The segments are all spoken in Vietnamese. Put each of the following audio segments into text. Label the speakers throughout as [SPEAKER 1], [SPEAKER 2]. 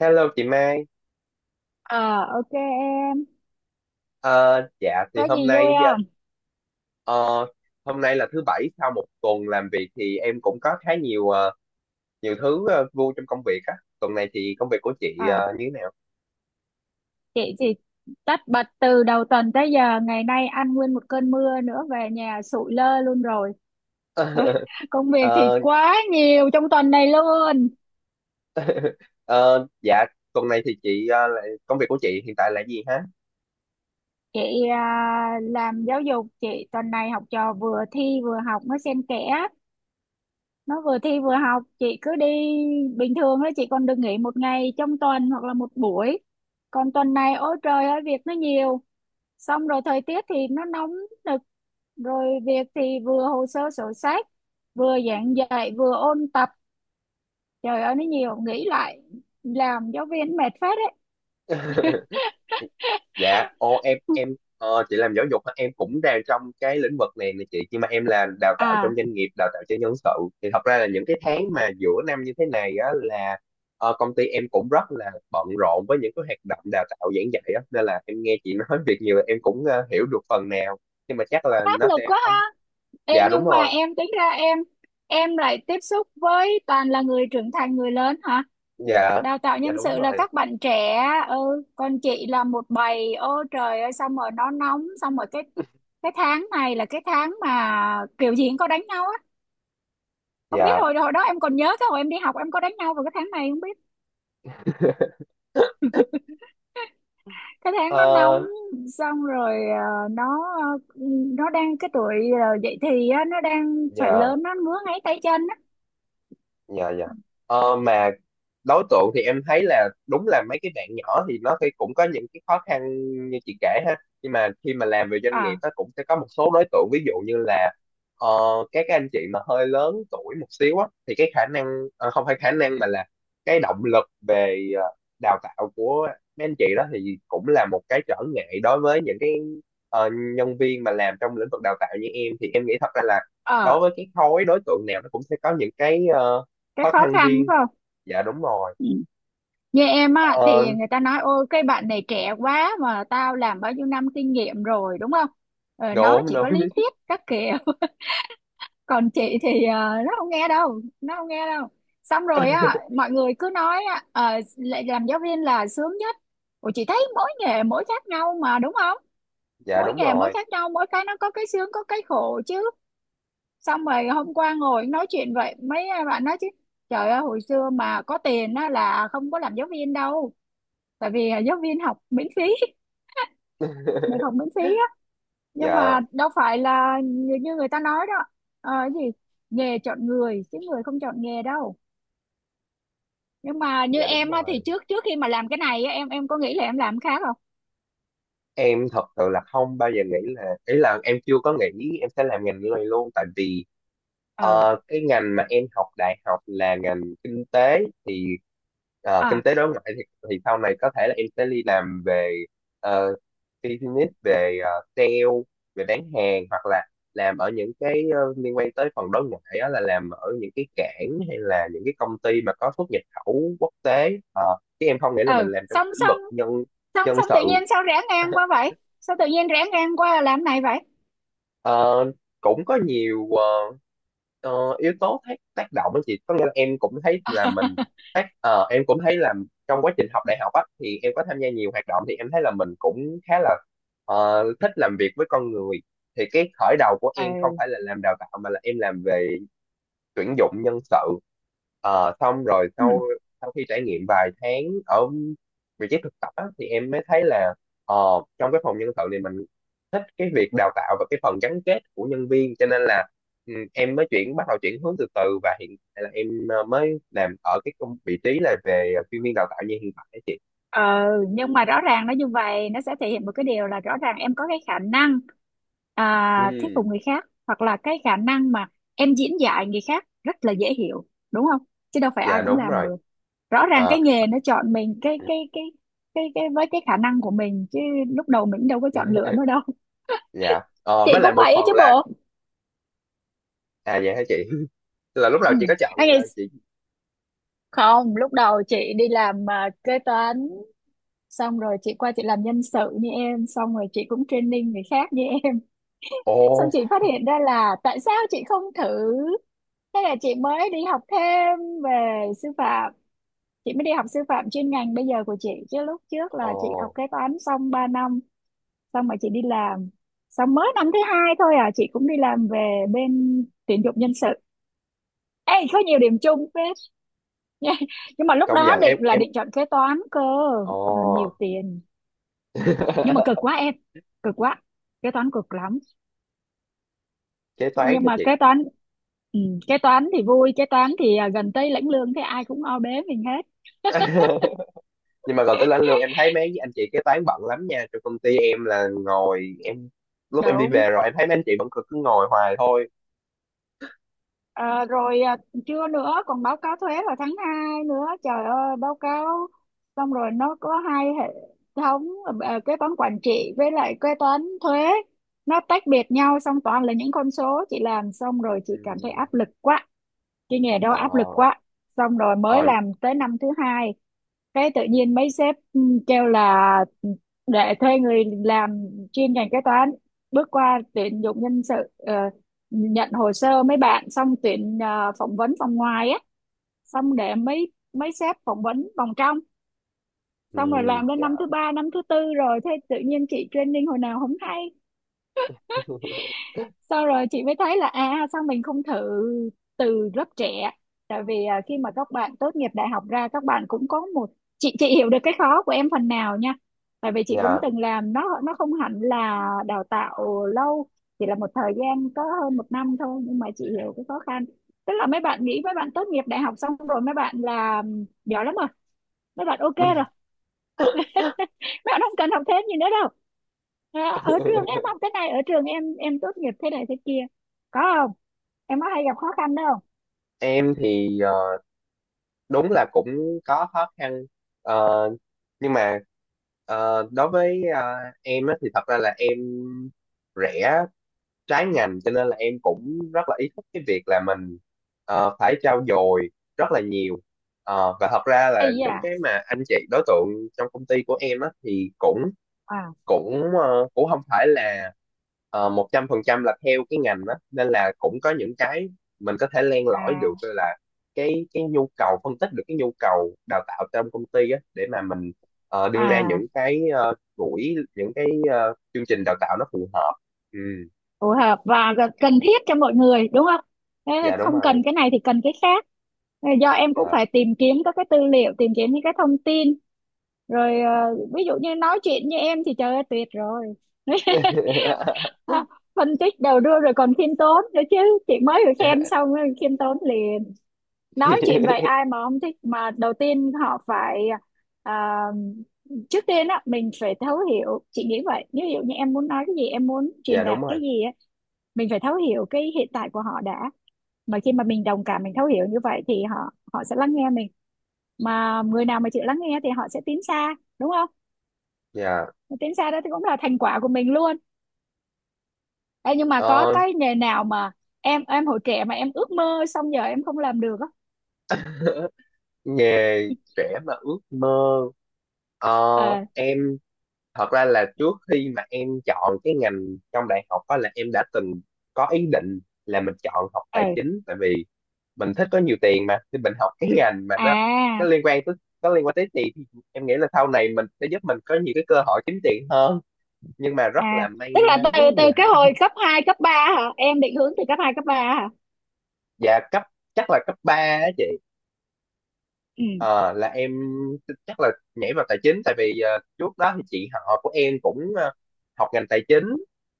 [SPEAKER 1] Hello chị Mai.
[SPEAKER 2] Ờ, ok em.
[SPEAKER 1] Ờ, dạ
[SPEAKER 2] Có
[SPEAKER 1] thì hôm
[SPEAKER 2] gì vui
[SPEAKER 1] nay
[SPEAKER 2] không?
[SPEAKER 1] ờ, hôm nay là thứ bảy sau một tuần làm việc thì em cũng có khá nhiều thứ vui trong công việc á. Tuần này thì công việc của chị
[SPEAKER 2] À,
[SPEAKER 1] như thế nào?
[SPEAKER 2] chị tất bật từ đầu tuần tới giờ, ngày nay ăn nguyên một cơn mưa nữa, về nhà sụi lơ luôn rồi. Công việc thì
[SPEAKER 1] Ờ,
[SPEAKER 2] quá nhiều trong tuần này luôn.
[SPEAKER 1] ờ, dạ, tuần này thì chị công việc của chị hiện tại là gì?
[SPEAKER 2] Chị à, làm giáo dục, chị tuần này học trò vừa thi vừa học, nó xen kẽ. Nó vừa thi vừa học, chị cứ đi bình thường đó chị còn được nghỉ một ngày trong tuần hoặc là một buổi. Còn tuần này ôi trời ơi việc nó nhiều. Xong rồi thời tiết thì nó nóng nực, rồi việc thì vừa hồ sơ sổ sách, vừa giảng dạy, vừa ôn tập, trời ơi nó nhiều, nghĩ lại làm giáo viên mệt phết đấy.
[SPEAKER 1] Dạ, ô, em em chị làm giáo dục hả? Em cũng đang trong cái lĩnh vực này nè chị, nhưng mà em làm đào tạo
[SPEAKER 2] à
[SPEAKER 1] trong doanh nghiệp, đào tạo cho nhân sự. Thì thật ra là những cái tháng mà giữa năm như thế này á là công ty em cũng rất là bận rộn với những cái hoạt động đào tạo giảng dạy á, nên là em nghe chị nói việc nhiều em cũng hiểu được phần nào. Nhưng mà chắc là
[SPEAKER 2] Áp
[SPEAKER 1] nó
[SPEAKER 2] lực
[SPEAKER 1] sẽ
[SPEAKER 2] quá
[SPEAKER 1] không.
[SPEAKER 2] ha. Ê,
[SPEAKER 1] Dạ đúng
[SPEAKER 2] nhưng mà
[SPEAKER 1] rồi.
[SPEAKER 2] em tính ra, em lại tiếp xúc với toàn là người trưởng thành, người lớn hả,
[SPEAKER 1] Dạ.
[SPEAKER 2] đào tạo
[SPEAKER 1] Dạ
[SPEAKER 2] nhân
[SPEAKER 1] đúng
[SPEAKER 2] sự là
[SPEAKER 1] rồi.
[SPEAKER 2] các bạn trẻ. Ừ, còn chị là một bầy, ô trời ơi, xong rồi nó nóng, xong rồi cái tháng này là cái tháng mà kiểu gì cũng có đánh nhau á. Không biết
[SPEAKER 1] Dạ.
[SPEAKER 2] hồi hồi đó em còn nhớ cái hồi em đi học em có đánh nhau vào cái tháng này không, biết cái tháng nó nóng,
[SPEAKER 1] Ờ.
[SPEAKER 2] xong rồi nó nó đang cái tuổi dậy thì á, nó đang phải
[SPEAKER 1] Dạ.
[SPEAKER 2] lớn, nó ngứa ngáy tay chân á.
[SPEAKER 1] Dạ. Dạ. Mà đối tượng thì em thấy là đúng là mấy cái bạn nhỏ thì nó thì cũng có những cái khó khăn như chị kể ha. Nhưng mà khi mà làm về doanh nghiệp,
[SPEAKER 2] à
[SPEAKER 1] nó cũng sẽ có một số đối tượng, ví dụ như là ờ, các cái anh chị mà hơi lớn tuổi một xíu á thì cái khả năng, không phải khả năng mà là cái động lực về đào tạo của mấy anh chị đó thì cũng là một cái trở ngại đối với những cái ờ, nhân viên mà làm trong lĩnh vực đào tạo như em. Thì em nghĩ thật ra là
[SPEAKER 2] ờ
[SPEAKER 1] đối với cái khối đối tượng nào nó cũng sẽ có những cái
[SPEAKER 2] cái
[SPEAKER 1] khó
[SPEAKER 2] khó
[SPEAKER 1] khăn
[SPEAKER 2] khăn
[SPEAKER 1] riêng.
[SPEAKER 2] phải không.
[SPEAKER 1] Dạ đúng rồi.
[SPEAKER 2] Ừ. Như em á
[SPEAKER 1] Ờ,
[SPEAKER 2] thì người ta nói ôi cái bạn này trẻ quá mà tao làm bao nhiêu năm kinh nghiệm rồi, đúng không. Nó
[SPEAKER 1] Đúng
[SPEAKER 2] chỉ
[SPEAKER 1] đúng.
[SPEAKER 2] có lý thuyết các kiểu. Còn chị thì nó không nghe đâu. Xong rồi á mọi người cứ nói á lại làm giáo viên là sướng nhất. Ủa chị thấy mỗi nghề mỗi khác nhau mà, đúng không.
[SPEAKER 1] Dạ
[SPEAKER 2] Mỗi
[SPEAKER 1] đúng
[SPEAKER 2] nghề mỗi
[SPEAKER 1] rồi.
[SPEAKER 2] khác nhau, mỗi cái nó có cái sướng có cái khổ chứ. Xong rồi hôm qua ngồi nói chuyện vậy mấy bạn nói chứ trời ơi hồi xưa mà có tiền á là không có làm giáo viên đâu, tại vì giáo viên học miễn phí. Được học miễn phí á, nhưng
[SPEAKER 1] Dạ.
[SPEAKER 2] mà đâu phải là như người ta nói đó. Cái gì, nghề chọn người chứ người không chọn nghề đâu. Nhưng mà như
[SPEAKER 1] Dạ đúng
[SPEAKER 2] em á thì
[SPEAKER 1] rồi.
[SPEAKER 2] trước trước khi mà làm cái này á, em có nghĩ là em làm khác không.
[SPEAKER 1] Em thật sự là không bao giờ nghĩ là, ý là em chưa có nghĩ em sẽ làm ngành này luôn, tại vì
[SPEAKER 2] ừ
[SPEAKER 1] cái ngành mà em học đại học là ngành kinh tế, thì kinh
[SPEAKER 2] à
[SPEAKER 1] tế đối ngoại thì sau này có thể là em sẽ đi làm về uh, business, về sale, về bán hàng, hoặc là làm ở những cái liên quan tới phần đối ngoại, đó là làm ở những cái cảng hay là những cái công ty mà có xuất nhập khẩu quốc tế. Ờ, Chứ em không nghĩ là mình
[SPEAKER 2] ừ
[SPEAKER 1] làm trong
[SPEAKER 2] xong
[SPEAKER 1] cái lĩnh
[SPEAKER 2] xong
[SPEAKER 1] vực nhân
[SPEAKER 2] xong
[SPEAKER 1] nhân
[SPEAKER 2] xong tự
[SPEAKER 1] sự.
[SPEAKER 2] nhiên sao rẽ ngang qua vậy, sao tự nhiên rẽ ngang qua làm này vậy.
[SPEAKER 1] Ờ, Cũng có nhiều yếu tố tác tác động á chị. Có nghĩa là em cũng thấy là mình tác ờ, em cũng thấy là trong quá trình học đại học á thì em có tham gia nhiều hoạt động, thì em thấy là mình cũng khá là thích làm việc với con người. Thì cái khởi đầu của em không phải là làm đào tạo mà là em làm về tuyển dụng nhân sự. Xong rồi
[SPEAKER 2] Ừ.
[SPEAKER 1] sau sau khi trải nghiệm vài tháng ở vị trí thực tập á, thì em mới thấy là ờ, trong cái phòng nhân sự này mình thích cái việc đào tạo và cái phần gắn kết của nhân viên, cho nên là em mới chuyển, bắt đầu chuyển hướng từ từ, và hiện tại là em mới làm ở cái vị trí là về chuyên viên đào tạo như hiện tại á chị.
[SPEAKER 2] Ờ, nhưng mà rõ ràng nó như vậy nó sẽ thể hiện một cái điều là rõ ràng em có cái khả năng thuyết phục
[SPEAKER 1] Ừ.
[SPEAKER 2] người khác, hoặc là cái khả năng mà em diễn dạy người khác rất là dễ hiểu, đúng không, chứ đâu phải ai
[SPEAKER 1] Dạ
[SPEAKER 2] cũng
[SPEAKER 1] đúng
[SPEAKER 2] làm
[SPEAKER 1] rồi.
[SPEAKER 2] được. Rõ ràng
[SPEAKER 1] Ờ.
[SPEAKER 2] cái nghề nó chọn mình, cái với cái khả năng của mình chứ, lúc đầu mình đâu có chọn lựa nó đâu.
[SPEAKER 1] Dạ. Ờ,
[SPEAKER 2] Chị
[SPEAKER 1] với lại
[SPEAKER 2] cũng
[SPEAKER 1] một
[SPEAKER 2] vậy á
[SPEAKER 1] phần
[SPEAKER 2] chứ
[SPEAKER 1] là.
[SPEAKER 2] bộ.
[SPEAKER 1] À, dạ hả chị? Là lúc đầu
[SPEAKER 2] Ừ.
[SPEAKER 1] chị có chọn
[SPEAKER 2] Anh ấy,
[SPEAKER 1] ờ, chị
[SPEAKER 2] không, lúc đầu chị đi làm kế toán, xong rồi chị qua chị làm nhân sự như em, xong rồi chị cũng training người khác như em,
[SPEAKER 1] ồ.
[SPEAKER 2] xong chị phát hiện ra là tại sao chị không thử. Thế là chị mới đi học thêm về sư phạm, chị mới đi học sư phạm chuyên ngành bây giờ của chị, chứ lúc trước
[SPEAKER 1] Ồ,
[SPEAKER 2] là chị học kế toán xong 3 năm, xong rồi chị đi làm. Xong mới năm thứ hai thôi chị cũng đi làm về bên tuyển dụng nhân sự. Ê có nhiều điểm chung phết nha, nhưng mà lúc
[SPEAKER 1] công
[SPEAKER 2] đó
[SPEAKER 1] nhận
[SPEAKER 2] định
[SPEAKER 1] em
[SPEAKER 2] là
[SPEAKER 1] em
[SPEAKER 2] định chọn kế toán cơ.
[SPEAKER 1] Ồ.
[SPEAKER 2] Ừ, nhiều tiền. Ừ. Nhưng mà cực quá em, cực quá, kế toán cực lắm.
[SPEAKER 1] Kế toán
[SPEAKER 2] Nhưng
[SPEAKER 1] hả
[SPEAKER 2] mà
[SPEAKER 1] chị?
[SPEAKER 2] kế toán, ừ, kế toán thì vui, kế toán thì gần tới lãnh lương thế ai cũng o bế mình hết.
[SPEAKER 1] Nhưng mà còn tới lãnh lương em thấy mấy anh chị kế toán bận lắm nha. Trong công ty em là ngồi em lúc em đi
[SPEAKER 2] Đúng.
[SPEAKER 1] về rồi em thấy mấy anh chị vẫn cứ cứ ngồi hoài thôi.
[SPEAKER 2] Ờ, rồi à, chưa nữa còn báo cáo thuế vào tháng 2 nữa, trời ơi báo cáo, xong rồi nó có hai hệ thống, kế toán quản trị với lại kế toán thuế, nó tách biệt nhau, xong toàn là những con số, chị làm xong rồi chị cảm thấy
[SPEAKER 1] Ừ.
[SPEAKER 2] áp lực quá, cái nghề đó
[SPEAKER 1] Ờ.
[SPEAKER 2] áp lực quá. Xong rồi mới
[SPEAKER 1] Ờ.
[SPEAKER 2] làm tới năm thứ hai cái tự nhiên mấy sếp kêu là để thuê người làm chuyên ngành kế toán, bước qua tuyển dụng nhân sự, nhận hồ sơ mấy bạn, xong tuyển, phỏng vấn vòng ngoài á, xong để mấy mấy sếp phỏng vấn vòng trong.
[SPEAKER 1] Ừ.
[SPEAKER 2] Xong rồi làm đến
[SPEAKER 1] Dạ.
[SPEAKER 2] năm thứ ba, năm thứ tư rồi thế tự nhiên chị training hồi nào không hay. Sau rồi chị mới thấy là à sao mình không thử từ lớp trẻ, tại vì khi mà các bạn tốt nghiệp đại học ra các bạn cũng có một, chị hiểu được cái khó của em phần nào nha, tại vì chị cũng
[SPEAKER 1] Dạ.
[SPEAKER 2] từng làm, nó không hẳn là đào tạo lâu, chỉ là một thời gian có hơn một năm thôi, nhưng mà chị hiểu cái khó khăn. Tức là mấy bạn nghĩ mấy bạn tốt nghiệp đại học xong rồi mấy bạn là giỏi lắm rồi, mấy bạn ok rồi, mấy bạn không cần học thêm gì nữa đâu. À, ở trường em học thế này, ở trường em tốt nghiệp thế này thế kia, có không, em có hay gặp khó khăn đâu.
[SPEAKER 1] Em thì đúng là cũng có khó khăn. Ờ, nhưng mà đối với em á, thì thật ra là em rẻ trái ngành, cho nên là em cũng rất là ý thức cái việc là mình phải trau dồi rất là nhiều. Và thật ra là
[SPEAKER 2] Ây
[SPEAKER 1] những
[SPEAKER 2] da
[SPEAKER 1] cái mà anh chị đối tượng trong công ty của em á thì cũng
[SPEAKER 2] à
[SPEAKER 1] cũng ờ, cũng không phải là 100% là theo cái ngành đó, nên là cũng có những cái mình có thể len lỏi được,
[SPEAKER 2] à
[SPEAKER 1] tức là cái nhu cầu, phân tích được cái nhu cầu đào tạo trong công ty á để mà mình đưa ra
[SPEAKER 2] à
[SPEAKER 1] những cái ờ, buổi những cái ờ, chương trình đào tạo nó phù hợp. Ừ.
[SPEAKER 2] Phù hợp và cần thiết cho mọi người đúng không. Thế là
[SPEAKER 1] Dạ đúng
[SPEAKER 2] không cần
[SPEAKER 1] rồi.
[SPEAKER 2] cái này thì cần cái khác. Thế là do em cũng
[SPEAKER 1] Dạ.
[SPEAKER 2] phải tìm kiếm các cái tư liệu, tìm kiếm những cái thông tin rồi, ví dụ như nói chuyện như em thì trời ơi tuyệt rồi. Phân tích đầu đuôi rồi còn khiêm tốn nữa chứ, chị mới được khen xong rồi khiêm tốn liền, nói
[SPEAKER 1] Thì.
[SPEAKER 2] chuyện vậy ai mà không thích. Mà đầu tiên họ phải à, trước tiên á mình phải thấu hiểu, chị nghĩ vậy. Ví dụ như em muốn nói cái gì em muốn truyền
[SPEAKER 1] Dạ đúng
[SPEAKER 2] đạt cái
[SPEAKER 1] rồi.
[SPEAKER 2] gì á, mình phải thấu hiểu cái hiện tại của họ đã, mà khi mà mình đồng cảm mình thấu hiểu như vậy thì họ, họ sẽ lắng nghe mình. Mà người nào mà chịu lắng nghe thì họ sẽ tiến xa đúng không.
[SPEAKER 1] Dạ.
[SPEAKER 2] Mà tiến xa đó thì cũng là thành quả của mình luôn. Ê, nhưng mà có
[SPEAKER 1] Ờ,
[SPEAKER 2] cái nghề nào mà em hồi trẻ mà em ước mơ xong giờ em không làm được á.
[SPEAKER 1] Nghề trẻ mà ước mơ.
[SPEAKER 2] ờ
[SPEAKER 1] Em thật ra là trước khi mà em chọn cái ngành trong đại học đó, là em đã từng có ý định là mình chọn học
[SPEAKER 2] ờ
[SPEAKER 1] tài chính, tại vì mình thích có nhiều tiền mà, thì mình học cái ngành mà nó
[SPEAKER 2] à
[SPEAKER 1] liên quan tới nó liên quan tới tiền, thì em nghĩ là sau này mình sẽ giúp mình có nhiều cái cơ hội kiếm tiền hơn. Nhưng mà rất
[SPEAKER 2] À,
[SPEAKER 1] là may
[SPEAKER 2] tức là
[SPEAKER 1] mắn
[SPEAKER 2] từ từ
[SPEAKER 1] là.
[SPEAKER 2] cái hồi cấp 2 cấp 3 hả? Em định hướng từ cấp 2 cấp ba hả?
[SPEAKER 1] Dạ, chắc là cấp 3 á chị.
[SPEAKER 2] Ừ,
[SPEAKER 1] Ờ, là em chắc là nhảy vào tài chính, tại vì trước đó thì chị họ của em cũng học ngành tài chính,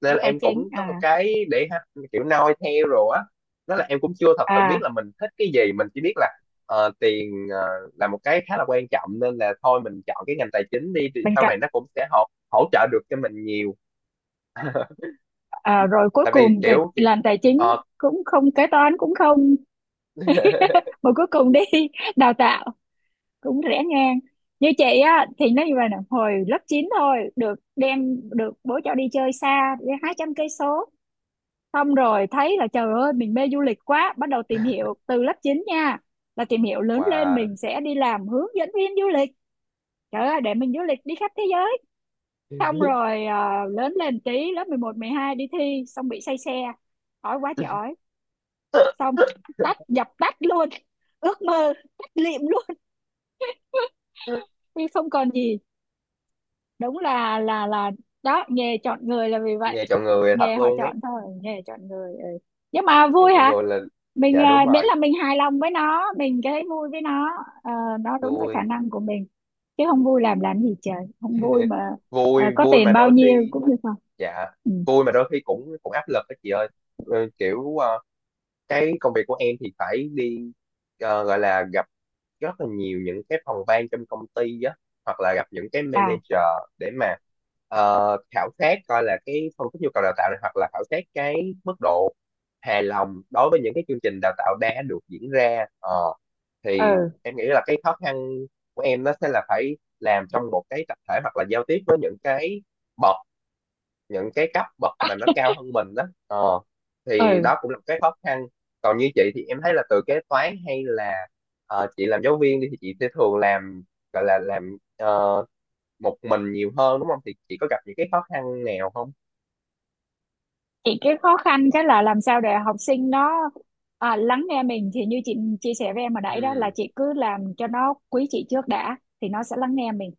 [SPEAKER 1] nên là
[SPEAKER 2] tài
[SPEAKER 1] em
[SPEAKER 2] chính
[SPEAKER 1] cũng có một
[SPEAKER 2] à.
[SPEAKER 1] cái kiểu noi theo rồi á. Đó là em cũng chưa thật sự biết
[SPEAKER 2] à
[SPEAKER 1] là mình thích cái gì, mình chỉ biết là tiền là một cái khá là quan trọng, nên là thôi mình chọn cái ngành tài chính đi thì
[SPEAKER 2] Bên
[SPEAKER 1] sau
[SPEAKER 2] cạnh,
[SPEAKER 1] này nó cũng sẽ hỗ trợ được cho mình nhiều.
[SPEAKER 2] rồi cuối
[SPEAKER 1] Tại vì
[SPEAKER 2] cùng kịch
[SPEAKER 1] kiểu,
[SPEAKER 2] làm tài chính,
[SPEAKER 1] ờ,
[SPEAKER 2] cũng không, kế toán cũng không, mà cuối cùng đi đào tạo, cũng rẽ ngang. Như chị á thì nó như vậy nè, hồi lớp 9 thôi được đem, được bố cho đi chơi xa, đi 200 cây số. Xong rồi thấy là trời ơi mình mê du lịch quá, bắt đầu tìm hiểu từ lớp 9 nha. Là tìm hiểu lớn lên
[SPEAKER 1] wow.
[SPEAKER 2] mình sẽ đi làm hướng dẫn viên du lịch. Trời ơi, để mình du lịch đi khắp thế giới. Xong rồi lớn lên tí, lớp mười một mười hai đi thi, xong bị say xe. Ói quá trời ói. Xong, tắt, dập tắt luôn. Ước mơ, tắt lịm luôn. Vì không còn gì. Đúng là đó, nghề chọn người là vì vậy.
[SPEAKER 1] Nghe chọn người thật
[SPEAKER 2] Nghề họ
[SPEAKER 1] luôn ấy.
[SPEAKER 2] chọn thôi, nghề chọn người. Ừ. Nhưng mà
[SPEAKER 1] Nghe
[SPEAKER 2] vui
[SPEAKER 1] chọn
[SPEAKER 2] hả,
[SPEAKER 1] người là.
[SPEAKER 2] mình
[SPEAKER 1] Dạ đúng
[SPEAKER 2] miễn
[SPEAKER 1] rồi.
[SPEAKER 2] là mình hài lòng với nó, mình thấy vui với nó, ờ, nó đúng cái khả
[SPEAKER 1] Vui.
[SPEAKER 2] năng của mình, chứ không vui làm gì trời, không vui mà
[SPEAKER 1] vui
[SPEAKER 2] có
[SPEAKER 1] vui mà
[SPEAKER 2] tiền bao
[SPEAKER 1] đôi
[SPEAKER 2] nhiêu
[SPEAKER 1] khi
[SPEAKER 2] cũng như không.
[SPEAKER 1] Dạ.
[SPEAKER 2] ừ.
[SPEAKER 1] Vui mà đôi khi cũng cũng áp lực đó chị ơi. Ừ, kiểu cái công việc của em thì phải đi, gọi là gặp rất là nhiều những cái phòng ban trong công ty á, hoặc là gặp những cái
[SPEAKER 2] à
[SPEAKER 1] manager để mà khảo sát, coi là cái phân tích nhu cầu đào tạo này, hoặc là khảo sát cái mức độ hài lòng đối với những cái chương trình đào tạo đã được diễn ra. Ờ, thì
[SPEAKER 2] ừ
[SPEAKER 1] em nghĩ là cái khó khăn của em nó sẽ là phải làm trong một cái tập thể, hoặc là giao tiếp với những cái bậc cấp bậc mà nó cao hơn mình đó, thì
[SPEAKER 2] ừ
[SPEAKER 1] đó cũng là một cái khó khăn. Còn như chị thì em thấy là, từ kế toán hay là chị làm giáo viên đi, thì chị sẽ thường làm, gọi là làm một mình nhiều hơn, đúng không? Thì chị có gặp những cái khó khăn nào không?
[SPEAKER 2] Chị cái khó khăn cái là làm sao để học sinh nó lắng nghe mình, thì như chị chia sẻ với em hồi nãy đó là
[SPEAKER 1] Ừ.
[SPEAKER 2] chị cứ làm cho nó quý chị trước đã thì nó sẽ lắng nghe mình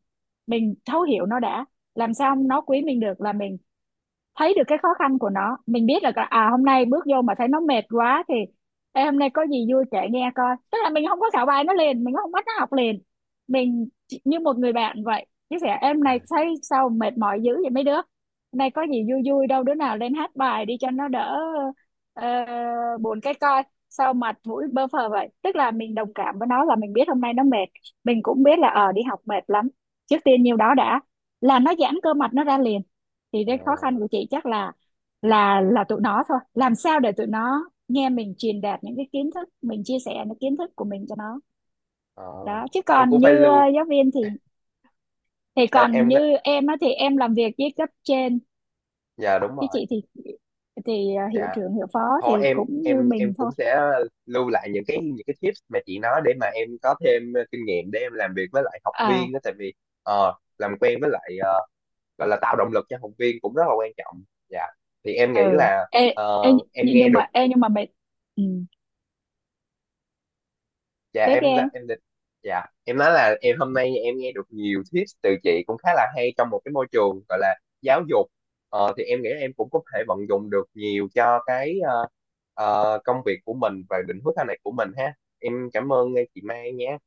[SPEAKER 2] mình thấu hiểu nó đã. Làm sao nó quý mình được là mình thấy được cái khó khăn của nó, mình biết là à hôm nay bước vô mà thấy nó mệt quá thì Ê, hôm nay có gì vui kể nghe coi, tức là mình không có khảo bài nó liền, mình không bắt nó học liền, như một người bạn vậy chia sẻ, em này thấy sao mệt mỏi dữ vậy, mấy đứa hôm nay có gì vui vui đâu, đứa nào lên hát bài đi cho nó đỡ ờ, buồn cái coi, sao mặt mũi bơ phờ vậy. Tức là mình đồng cảm với nó là mình biết hôm nay nó mệt, mình cũng biết là ờ đi học mệt lắm, trước tiên nhiêu đó đã là nó giãn cơ mặt nó ra liền. Thì
[SPEAKER 1] Ờ,
[SPEAKER 2] cái khó khăn của chị chắc là là tụi nó thôi, làm sao để tụi nó nghe mình truyền đạt những cái kiến thức, mình chia sẻ những kiến thức của mình cho nó
[SPEAKER 1] ờ,
[SPEAKER 2] đó. Chứ
[SPEAKER 1] em
[SPEAKER 2] còn
[SPEAKER 1] cũng phải
[SPEAKER 2] như
[SPEAKER 1] lưu
[SPEAKER 2] giáo viên thì
[SPEAKER 1] à,
[SPEAKER 2] còn
[SPEAKER 1] em
[SPEAKER 2] như em á thì em làm việc với cấp trên
[SPEAKER 1] Dạ đúng
[SPEAKER 2] chứ
[SPEAKER 1] rồi.
[SPEAKER 2] chị thì hiệu
[SPEAKER 1] Dạ.
[SPEAKER 2] trưởng hiệu phó thì
[SPEAKER 1] Thôi, em
[SPEAKER 2] cũng như mình
[SPEAKER 1] cũng
[SPEAKER 2] thôi.
[SPEAKER 1] sẽ lưu lại những cái tips mà chị nói để mà em có thêm kinh nghiệm để em làm việc với lại học
[SPEAKER 2] à
[SPEAKER 1] viên đó, tại vì ờ, làm quen với lại, gọi là tạo động lực cho học viên cũng rất là quan trọng. Dạ. Thì em nghĩ
[SPEAKER 2] ừ
[SPEAKER 1] là
[SPEAKER 2] ê, ê,
[SPEAKER 1] em
[SPEAKER 2] nhưng
[SPEAKER 1] nghe
[SPEAKER 2] nhưng
[SPEAKER 1] được.
[SPEAKER 2] mà ê nhưng mà mày. Ừ,
[SPEAKER 1] Dạ.
[SPEAKER 2] tiếp đi
[SPEAKER 1] em đã
[SPEAKER 2] em.
[SPEAKER 1] em định Dạ. Em nói là em hôm nay em nghe được nhiều tips từ chị cũng khá là hay trong một cái môi trường gọi là giáo dục, thì em nghĩ em cũng có thể vận dụng được nhiều cho cái công việc của mình và định hướng sau này của mình ha. Em cảm ơn chị Mai nhé.